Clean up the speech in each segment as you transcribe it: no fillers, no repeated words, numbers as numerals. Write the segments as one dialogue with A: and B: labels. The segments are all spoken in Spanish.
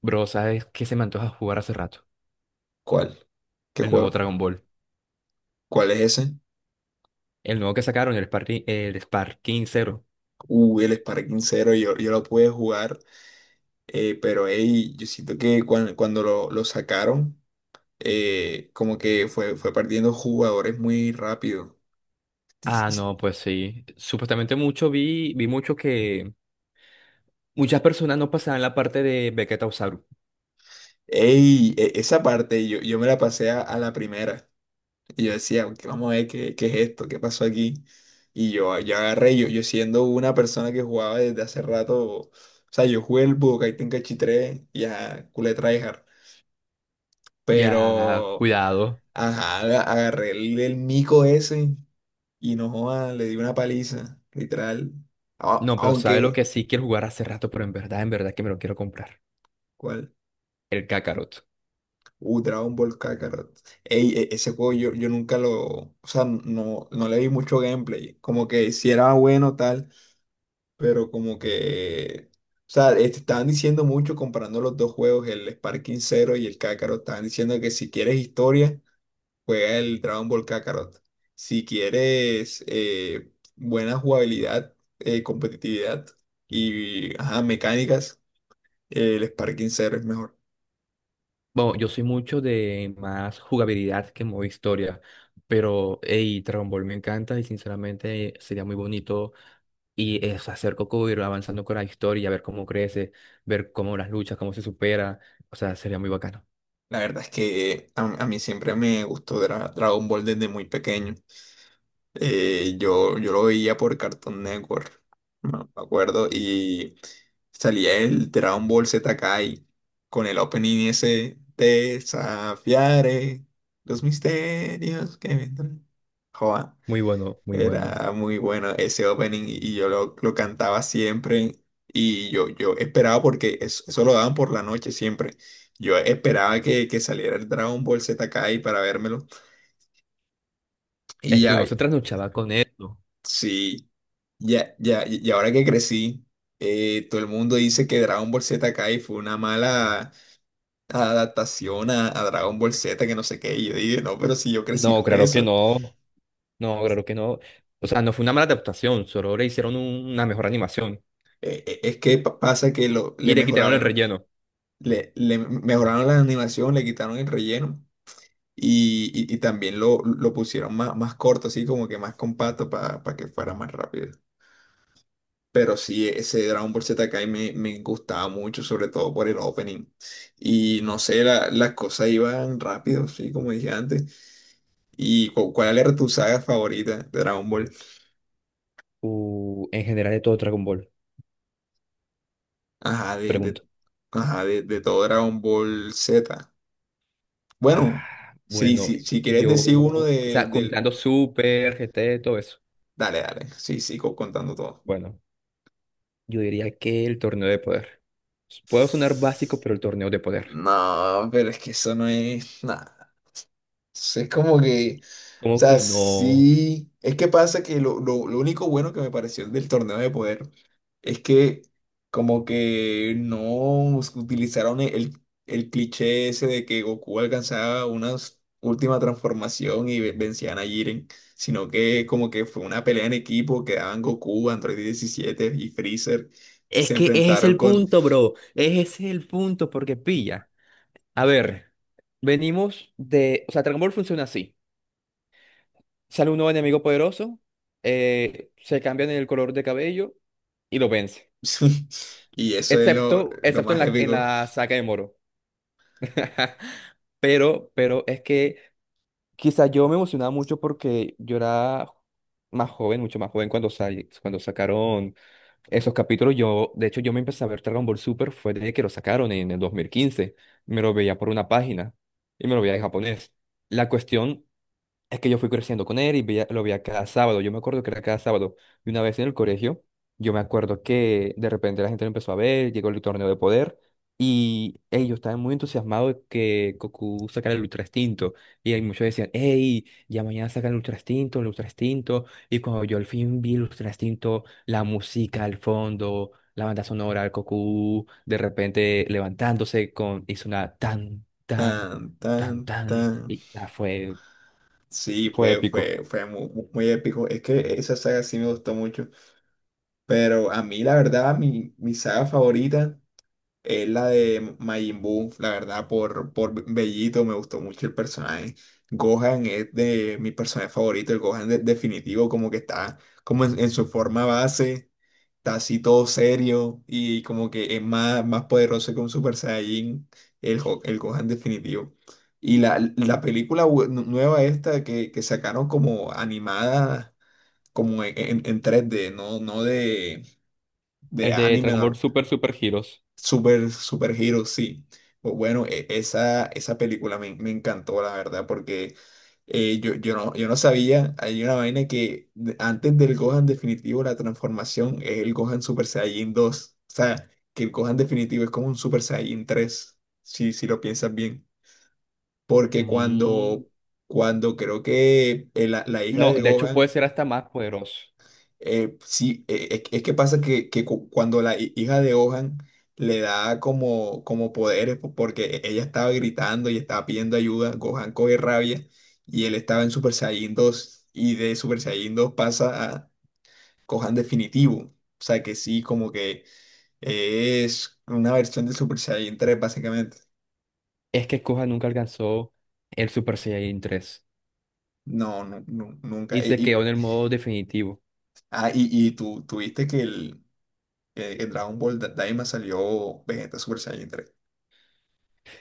A: Bro, ¿sabes qué se me antoja jugar hace rato?
B: ¿Cuál? ¿Qué
A: El nuevo
B: juego?
A: Dragon Ball.
B: ¿Cuál es ese?
A: El nuevo que sacaron, el Sparking Zero.
B: El Sparking Zero, yo lo pude jugar, pero ey, yo siento que cuando lo sacaron, como que fue perdiendo jugadores muy rápido. Sí, sí,
A: Ah,
B: sí.
A: no, pues sí. Supuestamente mucho vi mucho que muchas personas no pasaban la parte de Vegeta Usaru.
B: Ey, esa parte yo me la pasé a la primera y yo decía: "Ok, vamos a ver qué es esto, qué pasó aquí." Yo agarré, yo siendo una persona que jugaba desde hace rato, o sea, yo jugué el Budokai Tenkaichi 3 y a culé tryhard.
A: Ya,
B: Pero
A: cuidado.
B: ajá, agarré el mico ese y no joda, le di una paliza, literal.
A: No, pero ¿sabes lo
B: Aunque,
A: que sí quiero jugar hace rato? Pero en verdad que me lo quiero comprar.
B: ¿cuál?
A: El Kakarot.
B: Dragon Ball Kakarot. Ey, ese juego yo nunca lo. O sea, no, no le vi mucho gameplay. Como que si era bueno tal, pero como que. O sea, estaban diciendo mucho, comparando los dos juegos, el Sparking Zero y el Kakarot. Estaban diciendo que si quieres historia, juega el Dragon Ball Kakarot. Si quieres buena jugabilidad, competitividad y ajá, mecánicas, el Sparking Zero es mejor.
A: Bueno, yo soy mucho de más jugabilidad que modo historia. Pero, hey, Dragon Ball me encanta y sinceramente sería muy bonito y es hacer Coco ir avanzando con la historia, ver cómo crece, ver cómo las luchas, cómo se supera. O sea, sería muy bacano.
B: La verdad es que a mí siempre me gustó Dragon Ball desde muy pequeño. Yo lo veía por Cartoon Network, no me acuerdo, y salía el Dragon Ball Z Kai con el opening ese, desafiaré los misterios que vendrán. Joa,
A: Muy bueno, muy bueno.
B: era muy bueno ese opening y yo lo cantaba siempre y yo esperaba porque eso lo daban por la noche siempre. Yo esperaba que saliera el Dragon Ball Z Kai para vérmelo y
A: Es que
B: ya,
A: uno se trasnochaba con esto.
B: sí. Ya, ya, y ahora que crecí, todo el mundo dice que Dragon Ball Z Kai fue una mala adaptación a Dragon Ball Z, que no sé qué. Y yo dije, no, pero si yo crecí
A: No,
B: con
A: claro que
B: eso.
A: no. No, claro que no. O sea, no fue una mala adaptación, solo le hicieron una mejor animación
B: Es que pasa que lo, le
A: y le quitaron el
B: mejoraron,
A: relleno.
B: le mejoraron la animación, le quitaron el relleno y también lo pusieron más, más corto, así como que más compacto para que fuera más rápido. Pero sí, ese Dragon Ball Z Kai me gustaba mucho, sobre todo por el opening. Y no sé, las cosas iban rápido, sí, como dije antes. ¿Y cuál era tu saga favorita de Dragon Ball?
A: En general de todo Dragon Ball,
B: Ajá,
A: pregunto.
B: ajá, de todo Dragon Ball Z. Bueno,
A: Ah,
B: sí,
A: bueno,
B: sí, si quieres
A: yo,
B: decir uno
A: o
B: de,
A: sea,
B: del...
A: juntando Super, GT, todo eso.
B: Dale, dale, sí, sigo contando todo.
A: Bueno. Yo diría que el torneo de poder. Puedo sonar básico, pero el torneo de poder.
B: No, pero es que eso no es nada. Entonces, es como que, o
A: ¿Cómo
B: sea,
A: que no?
B: sí, es que pasa que lo, lo único bueno que me pareció del torneo de poder es que como que no utilizaron el el cliché ese de que Goku alcanzaba una última transformación y vencían a Jiren, sino que como que fue una pelea en equipo, quedaban Goku, Android 17 y Freezer y
A: Es
B: se
A: que ese es
B: enfrentaron
A: el
B: con...
A: punto, bro. Ese es el punto, porque pilla. A ver, venimos de... O sea, Dragon Ball funciona así. Sale un nuevo enemigo poderoso, se cambian el color de cabello y lo vence.
B: Y eso es
A: Excepto,
B: lo
A: excepto en
B: más
A: la, en
B: épico.
A: la saga de Moro. Pero es que quizá yo me emocionaba mucho porque yo era más joven, mucho más joven cuando, cuando sacaron esos capítulos. Yo, de hecho, yo me empecé a ver Dragon Ball Super fue desde que lo sacaron en el 2015. Me lo veía por una página y me lo veía en japonés. La cuestión es que yo fui creciendo con él y lo veía cada sábado. Yo me acuerdo que era cada sábado. Y una vez en el colegio, yo me acuerdo que de repente la gente lo empezó a ver, llegó el torneo de poder y ellos estaban muy entusiasmados de que Goku sacara el Ultra Instinto. Y ahí muchos decían, hey, ya mañana sacan el Ultra Instinto, el Ultra Instinto. Y cuando yo al fin vi el Ultra Instinto, la música al fondo, la banda sonora, el Goku de repente levantándose con, hizo una tan, tan,
B: Tan,
A: tan,
B: tan,
A: tan.
B: tan.
A: Y ya fue.
B: Sí,
A: Fue épico.
B: fue muy épico. Es que esa saga sí me gustó mucho. Pero a mí, la verdad, mi saga favorita es la de Majin Buu. La verdad, por Bellito me gustó mucho el personaje. Gohan es de mi personaje favorito, el Gohan definitivo, como que está como en su forma base está así todo serio y como que es más, más poderoso que un Super Saiyajin, el, el Gohan definitivo. Y la película nueva esta que sacaron como animada, como en, en 3D, no, no de, de
A: El de
B: anime.
A: Dragon Ball Super Super Heroes.
B: Super, super Hero, sí. Bueno, esa, esa película me encantó, la verdad, porque yo no, yo no sabía, hay una vaina que antes del Gohan definitivo, la transformación es el Gohan Super Saiyajin dos. O sea, que el Gohan definitivo es como un Super Saiyajin 3 si, si lo piensas bien. Porque
A: Mm.
B: cuando, cuando creo que la hija
A: No,
B: de
A: de hecho
B: Gohan
A: puede ser hasta más poderoso.
B: sí, es que pasa que cuando la hija de Ohan le da como, como poderes, porque ella estaba gritando y estaba pidiendo ayuda, Gohan coge rabia y él estaba en Super Saiyan 2 y de Super Saiyan 2 pasa a Gohan definitivo. O sea que sí, como que es una versión de Super Saiyan 3 básicamente.
A: Es que Gohan nunca alcanzó el Super Saiyan tres
B: No, no, no, nunca.
A: y se quedó en el modo definitivo.
B: Ah, y tú, tuviste que el Dragon Ball Daima salió Vegeta Super Saiyan tres.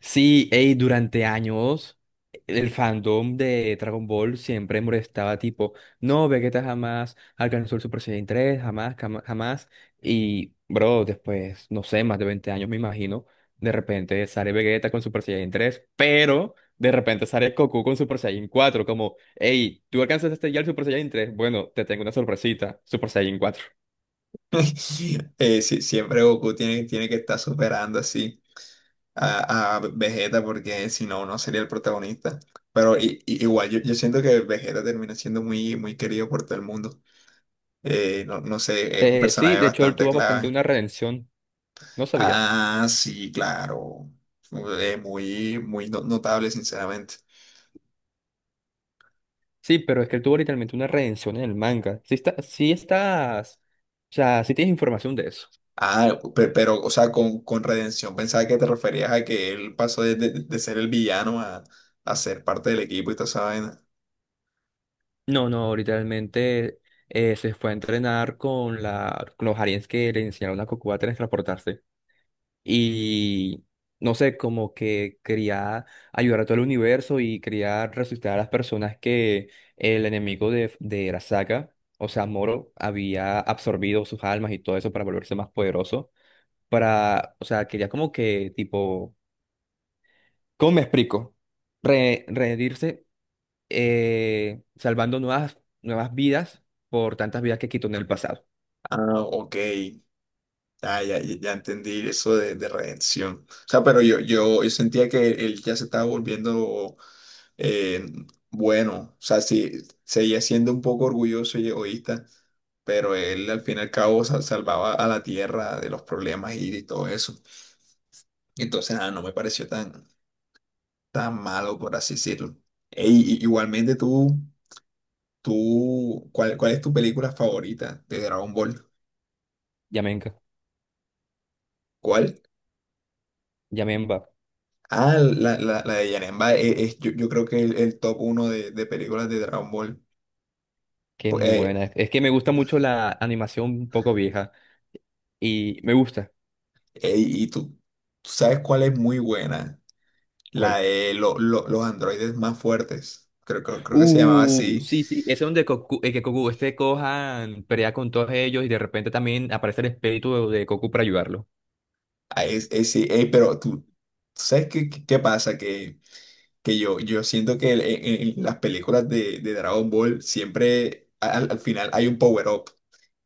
A: Sí, ey, durante años el fandom de Dragon Ball siempre molestaba tipo, no, Vegeta jamás alcanzó el Super Saiyan tres jamás, jamás. Y, bro, después, no sé, más de 20 años me imagino, de repente sale Vegeta con Super Saiyan tres pero de repente sale Goku con Super Saiyan cuatro como, hey, tú alcanzaste ya el Super Saiyan tres bueno, te tengo una sorpresita, Super Saiyan cuatro.
B: Sí, siempre Goku tiene, tiene que estar superando así a Vegeta porque si no, no sería el protagonista. Pero igual, yo siento que Vegeta termina siendo muy, muy querido por todo el mundo. No, no sé, es un
A: Sí,
B: personaje
A: de hecho él
B: bastante
A: tuvo bastante
B: clave.
A: una redención, ¿no sabías?
B: Ah, sí, claro. Muy, muy notable, sinceramente.
A: Sí, pero es que él tuvo literalmente una redención en el manga. Sí, está, sí estás, o sea, sí tienes información de eso.
B: Ah, pero, o sea, con redención, pensaba que te referías a que él pasó de, de ser el villano a ser parte del equipo y toda esa vaina.
A: No, no, literalmente se fue a entrenar con los aliens que le enseñaron a Goku a transportarse. Y no sé, como que quería ayudar a todo el universo y quería resucitar a las personas que el enemigo de Arasaka, o sea, Moro, había absorbido sus almas y todo eso para volverse más poderoso. Para, o sea, quería como que tipo. ¿Cómo me explico? Reherirse, salvando nuevas vidas por tantas vidas que quitó en el pasado.
B: Ah, ok. Ah, ya, ya ya entendí eso de redención. O sea, pero yo sentía que él ya se estaba volviendo eh, bueno. O sea, sí, seguía siendo un poco orgulloso y egoísta, pero él al fin y al cabo salvaba a la tierra de los problemas y todo eso. Entonces, nada, no me pareció tan, tan malo, por así decirlo. Ey, igualmente tú, tú, cuál es tu película favorita de Dragon Ball?
A: Yamenka,
B: ¿Cuál?
A: Yamenba,
B: Ah, la de Janemba yo, yo creo que es el top uno de películas de Dragon Ball.
A: que es
B: Pu-
A: muy
B: eh,
A: buena. Es que me gusta mucho la animación un poco vieja y me gusta.
B: y tú sabes cuál es muy buena. La
A: ¿Cuál?
B: de los androides más fuertes. Creo que se llamaba así.
A: Sí, sí, es donde Goku, que Goku este Gohan pelea con todos ellos y de repente también aparece el espíritu de Goku para ayudarlo.
B: Ah, sí, pero tú, ¿sabes qué, qué pasa? Que yo siento que en las películas de Dragon Ball siempre al, al final hay un power up.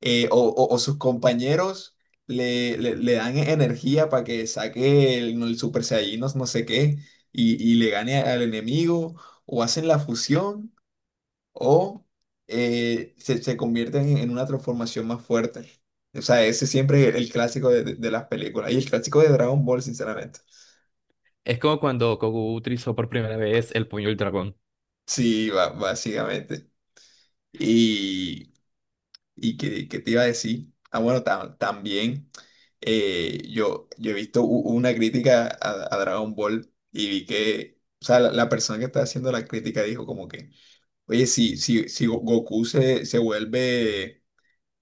B: O sus compañeros le, le dan energía para que saque el Super Saiyajin, no, no sé qué, y le gane al enemigo, o hacen la fusión, o se convierten en una transformación más fuerte. O sea, ese siempre es el clásico de, de las películas, y el clásico de Dragon Ball, sinceramente.
A: Es como cuando Goku utilizó por primera vez el puño del dragón.
B: Sí, básicamente. Y ¿Y qué, qué te iba a decir? Ah, bueno, también yo he visto una crítica a Dragon Ball y vi que, o sea, la persona que estaba haciendo la crítica dijo como que, oye, si Goku se vuelve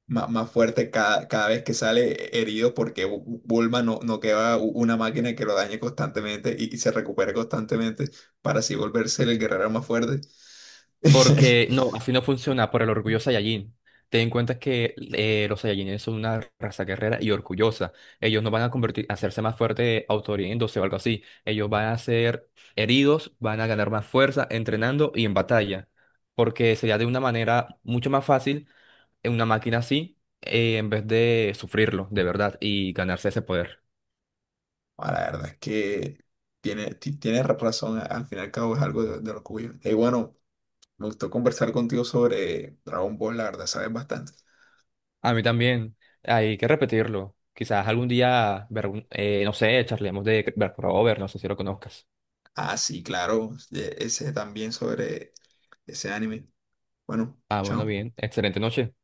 B: más fuerte cada, cada vez que sale herido, ¿porque Bulma no, no queda una máquina que lo dañe constantemente y se recupere constantemente para así volverse el guerrero más fuerte?
A: Porque no, así no funciona por el orgullo Saiyajin. Ten en cuenta que los Saiyajines son una raza guerrera y orgullosa. Ellos no van a convertir, a hacerse más fuerte autohiriéndose o algo así. Ellos van a ser heridos, van a ganar más fuerza entrenando y en batalla. Porque sería de una manera mucho más fácil en una máquina así, en vez de sufrirlo de verdad y ganarse ese poder.
B: Ah, la verdad es que tiene, tienes razón, al fin y al cabo es algo de lo que huyo. Y bueno, me gustó conversar contigo sobre Dragon Ball, la verdad sabes bastante.
A: A mí también hay que repetirlo. Quizás algún día, ver no sé, charlemos de Berk Over, no sé si lo conozcas.
B: Ah, sí, claro, ese también sobre ese anime. Bueno,
A: Ah, bueno,
B: chao.
A: bien. Excelente noche.